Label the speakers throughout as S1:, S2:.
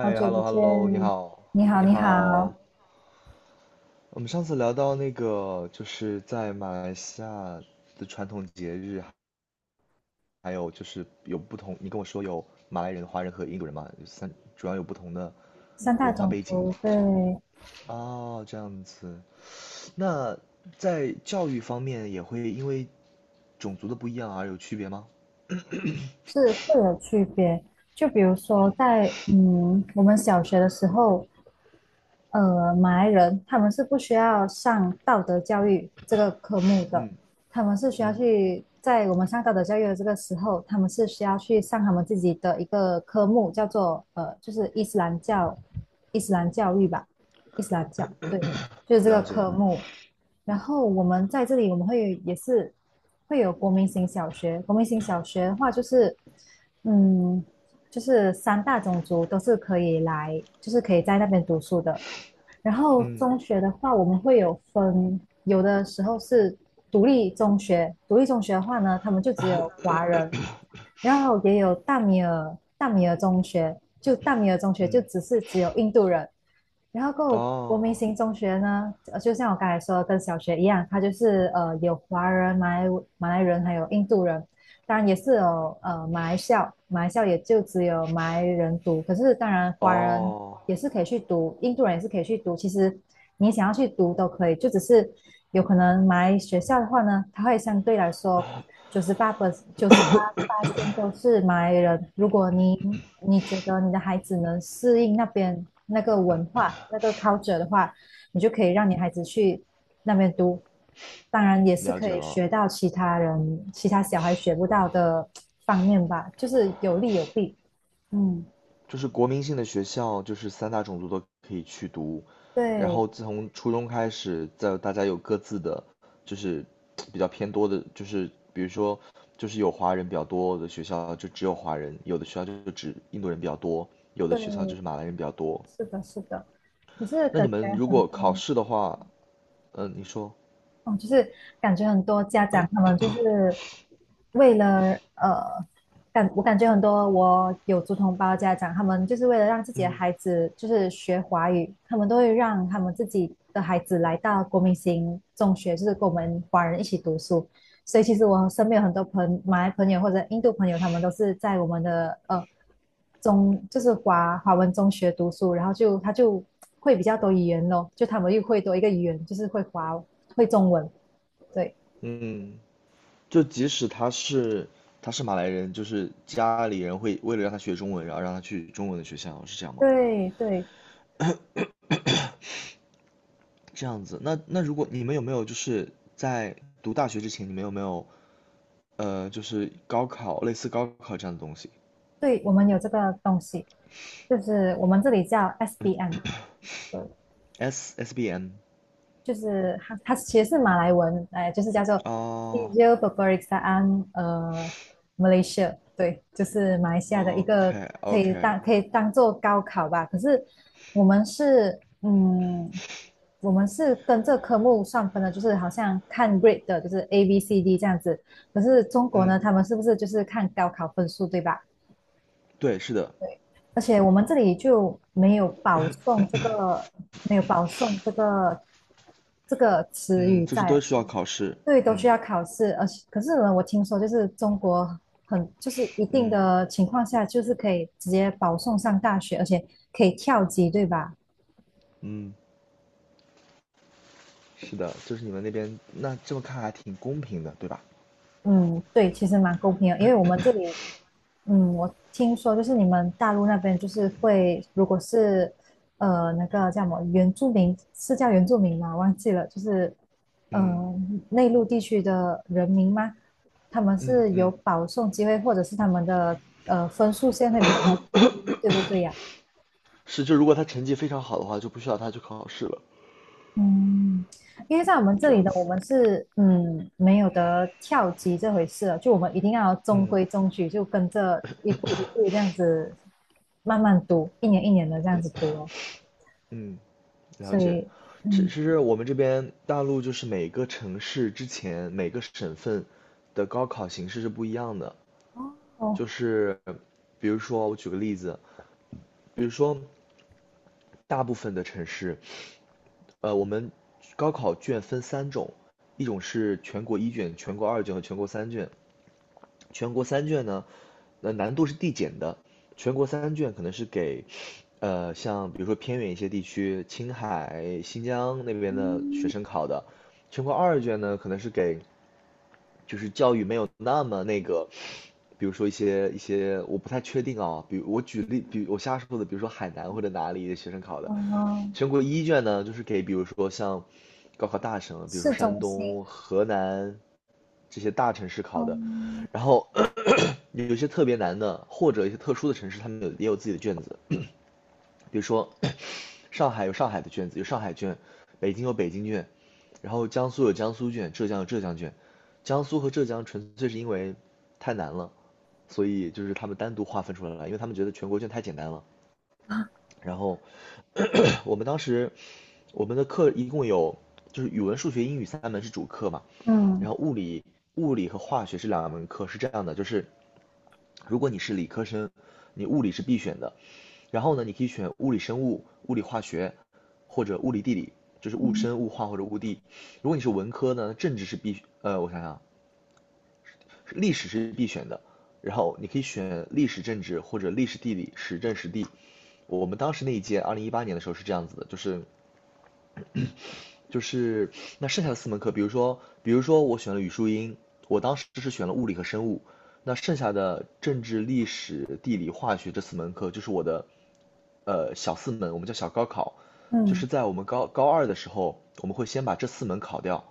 S1: 好久不
S2: ，hello
S1: 见，
S2: hello，你好，
S1: 你好，
S2: 你
S1: 你
S2: 好。
S1: 好。
S2: 我们上次聊到那个，就是在马来西亚的传统节日，还有就是有不同，你跟我说有马来人、华人和印度人嘛，主要有不同的
S1: 三大
S2: 文化
S1: 种
S2: 背景。
S1: 族
S2: 这样
S1: 对。
S2: 哦，这样子。那在教育方面也会因为种族的不一样而有区别吗？
S1: 是会有区别，就比如说在我们小学的时候，马来人他们是不需要上道德教育这个科目的，他们是需要
S2: 嗯，
S1: 去在我们上道德教育的这个时候，他们是需要去上他们自己的一个科目，叫做就是伊斯兰教，伊斯兰教育吧，伊斯兰教，对，就是这个
S2: 了解。
S1: 科目。然后我们在这里，我们也是会有国民型小学，国民型小学的话就是，嗯，就是三大种族都是可以来，就是可以在那边读书的。然后
S2: 嗯
S1: 中学的话，我们会有分，有的时候是独立中学，独立中学的话呢，他们就只有华人，然后也有大米尔中学，就大米尔中学就
S2: 嗯，
S1: 只是只有印度人，然后够国民
S2: 哦
S1: 型中学呢，就像我刚才说的，跟小学一样，它就是有华人、马来人还有印度人，当然也是有马来校，马来校也就只有马来人读，可是当然华人
S2: 哦，
S1: 也是可以去读，印度人也是可以去读，其实你想要去读都可以，就只是有可能马来学校的话呢，它会相对来说九十八百九十八八线都是马来人。如果你觉得你的孩子能适应那边那个文化、那个 culture 的话，你就可以让你孩子去那边读。当然，也是
S2: 了
S1: 可
S2: 解
S1: 以
S2: 了。
S1: 学到其他人、其他小孩学不到的方面吧，就是有利有弊。嗯，
S2: 就是国民性的学校，就是三大种族都可以去读。然
S1: 对
S2: 后自从初中开始，在大家有各自的，就是比较偏多的，就是比如说，就是有华人比较多的学校就只有华人，有的学校就只印度人比较多，有的学校就
S1: 对，
S2: 是马来人比较多。
S1: 是的，是的。可是
S2: 那
S1: 感
S2: 你
S1: 觉
S2: 们如
S1: 很
S2: 果考
S1: 多。
S2: 试的话，嗯、你说，
S1: 哦，就是感觉很多家长他们就是为了呃，感觉很多我有族同胞的家长，他们就是为了让自己的
S2: 嗯
S1: 孩子就是学华语，他们都会让他们自己的孩子来到国民型中学，就是跟我们华人一起读书。所以其实我身边有很多马来朋友或者印度朋友，他们都是在我们的就是华文中学读书，然后他就会比较多语言咯，就他们又会多一个语言，就是会中文，对
S2: 嗯，就即使他是马来人，就是家里人会为了让他学中文，然后让他去中文的学校，是这样吗？
S1: 对对
S2: 这样子，那如果你们有没有就是在读大学之前，你们有没有就是高考类似高考这样的东西
S1: 对。我们有这个东西，就是我们这里叫 SBM，对。
S2: ？SSBM
S1: 就是它其实是马来文，哎，就是叫做
S2: 哦
S1: Ijo e r b e r i k s a a n Malaysia，对，就是马来西亚的一
S2: ，OK
S1: 个可以
S2: OK，
S1: 当可以当做高考吧。可是我们是嗯，我们是跟这科目算分的，就是好像看 grade 的，就是 A B C D 这样子。可是中国呢，
S2: 嗯，
S1: 他们是不是就是看高考分数，对吧？
S2: 对，是的，
S1: 而且我们这里就没有保送这个词
S2: 嗯，
S1: 语
S2: 就是都
S1: 在，
S2: 需要考试，
S1: 对，都需
S2: 嗯
S1: 要考试，而且可是呢，我听说就是中国就是一定
S2: 嗯
S1: 的情况下，就是可以直接保送上大学，而且可以跳级，对吧？
S2: 嗯，是的，就是你们那边那这么看还挺公平的，对吧？
S1: 嗯，对，其实蛮公平的，因为我们这里我听说就是你们大陆那边就是会，如果是那个叫什么原住民，是叫原住民吗？忘记了，就是
S2: 嗯
S1: 呃内陆地区的人民吗？他们
S2: 嗯
S1: 是
S2: 嗯，
S1: 有保送机会，或者是他们的分数线会比较低，对不对呀？
S2: 是，就如果他成绩非常好的话，就不需要他去考试了，
S1: 嗯，因为在我们这
S2: 这
S1: 里
S2: 样
S1: 的我
S2: 子，
S1: 们是没有得跳级这回事了，就我们一定要中
S2: 嗯
S1: 规中矩，就跟着一步一步这样子慢慢读，一年一年的这样子读哦。
S2: 嗯。了
S1: 所
S2: 解，
S1: 以
S2: 其其
S1: 嗯，
S2: 实我们这边大陆就是每个城市之前每个省份的高考形式是不一样的，就
S1: 哦，
S2: 是比如说我举个例子，比如说大部分的城市，我们高考卷分三种，一种是全国一卷、全国二卷和全国三卷，全国三卷呢，难度是递减的。全国三卷可能是给，像比如说偏远一些地区，青海、新疆那边的学生考的。全国二卷呢，可能是给就是教育没有那么那个，比如说一些我不太确定啊，比如我举例，比如我瞎说的，比如说海南或者哪里的学生考的。
S1: 哦，
S2: 全国一卷呢，就是给比如说像高考大省，比如说
S1: 市
S2: 山
S1: 中心，
S2: 东、河南、这些大城市考的，
S1: 嗯
S2: 然后咳咳有些特别难的，或者一些特殊的城市，他们也有自己的卷子，比如说上海有上海的卷子，有上海卷，北京有北京卷，然后江苏有江苏卷，浙江有浙江卷，江苏和浙江纯粹是因为太难了，所以就是他们单独划分出来了，因为他们觉得全国卷太简单了。然后 咳咳我们当时我们的课一共有就是语文、数学、英语三门是主课嘛，
S1: 嗯
S2: 然后物理和化学是两门课，是这样的，就是如果你是理科生，你物理是必选的，然后呢，你可以选物理生物、物理化学或者物理地理，就是物生、物化或者物地。如果你是文科呢，政治是必，呃，我想想啊，历史是必选的，然后你可以选历史政治或者历史地理、时政时地。我们当时那一届，二零一八年的时候是这样子的，就是那剩下的四门课，比如说我选了语数英，我当时是选了物理和生物，那剩下的政治、历史、地理、化学这四门课，就是我的小四门，我们叫小高考，就是
S1: 嗯
S2: 在我们高二的时候，我们会先把这四门考掉，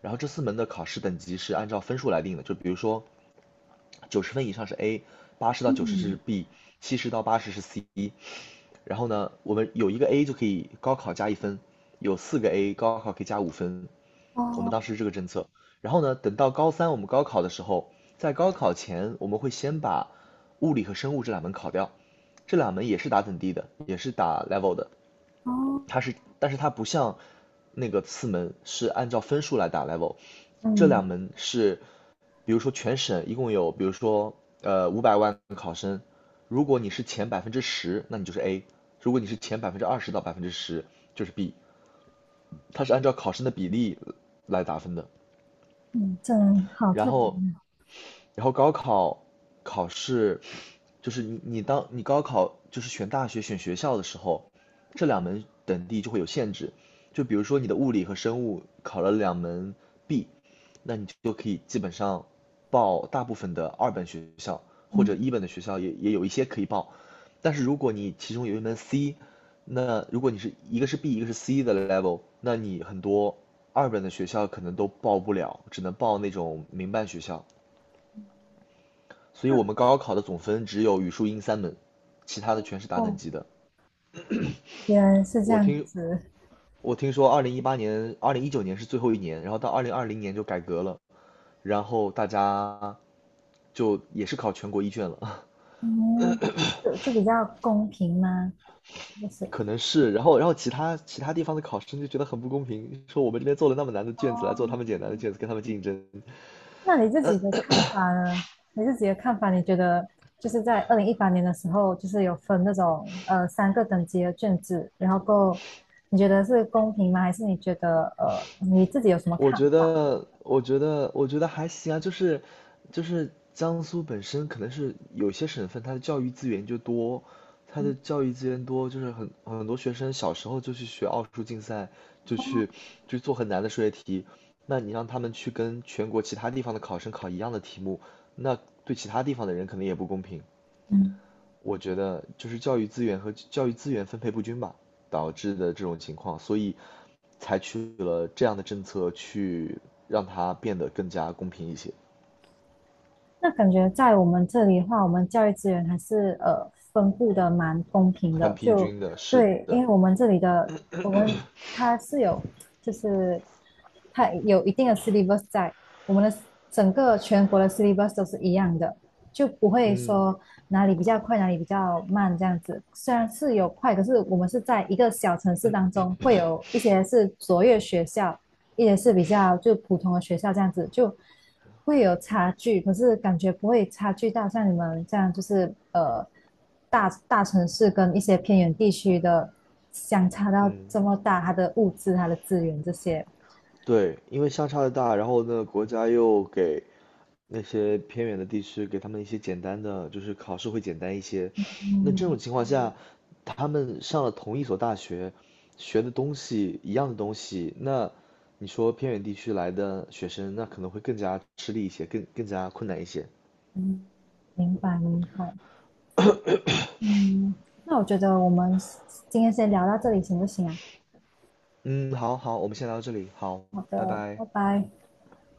S2: 然后这四门的考试等级是按照分数来定的，就比如说90分以上是 A，80到90
S1: 嗯，
S2: 是 B，70到80是 C，然后呢，我们有一个 A 就可以高考加1分，有四个 A 高考可以加5分。我们
S1: 哦
S2: 当时是这个政策。然后呢，等到高三我们高考的时候，在高考前我们会先把物理和生物这两门考掉，这两门也是打等第的，也是打 level 的。
S1: 哦，
S2: 但是它不像那个次门是按照分数来打 level，这两
S1: 嗯
S2: 门是比如说全省一共有，比如说500万考生，如果你是前百分之十，那你就是 A；如果你是前20%到百分之十，就是 B。它是按照考生的比例来打分的。
S1: 嗯，这好
S2: 然
S1: 特别
S2: 后，
S1: 呢，
S2: 然后高考考试就是你当你高考就是选大学选学校的时候，这两门等地就会有限制。就比如说你的物理和生物考了两门 B，那你就可以基本上报大部分的二本学校或者
S1: 嗯，
S2: 一本的学校也有一些可以报。但是如果你其中有一门 C，那如果你是一个是 B 一个是 C 的 level，那你很多二本的学校可能都报不了，只能报那种民办学校。所以我们高考的总分只有语数英三门，其他的全是打等
S1: 哦，
S2: 级的。
S1: 原来是这
S2: 我
S1: 样
S2: 听
S1: 子。
S2: 我听说，二零一八年、2019年是最后一年，然后到2020年就改革了，然后大家就也是考全国一卷了，
S1: 嗯这比较公平吗？就是，
S2: 可能是。然后其他地方的考生就觉得很不公平，说我们这边做了那么难的
S1: 哦。
S2: 卷子来做他们简单的
S1: 嗯
S2: 卷子，跟他们竞争。
S1: 那你自己的看法呢？你自己的看法，你觉得就是在2018年的时候，就是有分那种三个等级的卷子，然后够，你觉得是公平吗？还是你觉得你自己有什么看法？
S2: 我觉得还行啊，就是江苏本身可能是有些省份它的教育资源就多，它的教育资源多，就是很多学生小时候就去学奥数竞赛，就去就做很难的数学题，那你让他们去跟全国其他地方的考生考一样的题目，那对其他地方的人可能也不公平。
S1: 嗯。
S2: 我觉得就是教育资源和教育资源分配不均吧，导致的这种情况，所以采取了这样的政策去让它变得更加公平一些，
S1: 那感觉在我们这里的话，我们教育资源还是分布的蛮公平
S2: 很
S1: 的。
S2: 平
S1: 就
S2: 均的，是
S1: 对，因
S2: 的，
S1: 为我们这里的我们它是有，就是它有一定的 syllabus 在，我们的整个全国的 syllabus 都是一样的，就不会
S2: 嗯
S1: 说哪里比较快，哪里比较慢这样子。虽然是有快，可是我们是在一个小城市当中，会有一些是卓越学校，也是比较就普通的学校这样子，就会有差距，可是感觉不会差距到像你们这样，就是大城市跟一些偏远地区的相差到
S2: 嗯，
S1: 这么大，它的物质、它的资源这些。
S2: 对，因为相差的大，然后呢，国家又给那些偏远的地区给他们一些简单的，就是考试会简单一些，那这
S1: 嗯
S2: 种情况下，他们上了同一所大学，学的东西一样的东西，那你说偏远地区来的学生，那可能会更加吃力一些，更加困难一些。
S1: 嗯，明白明白。嗯，那我觉得我们今天先聊到这里行不行啊？
S2: 嗯，好好，我们先聊到这里，好，
S1: 好
S2: 拜
S1: 的，
S2: 拜。
S1: 拜拜。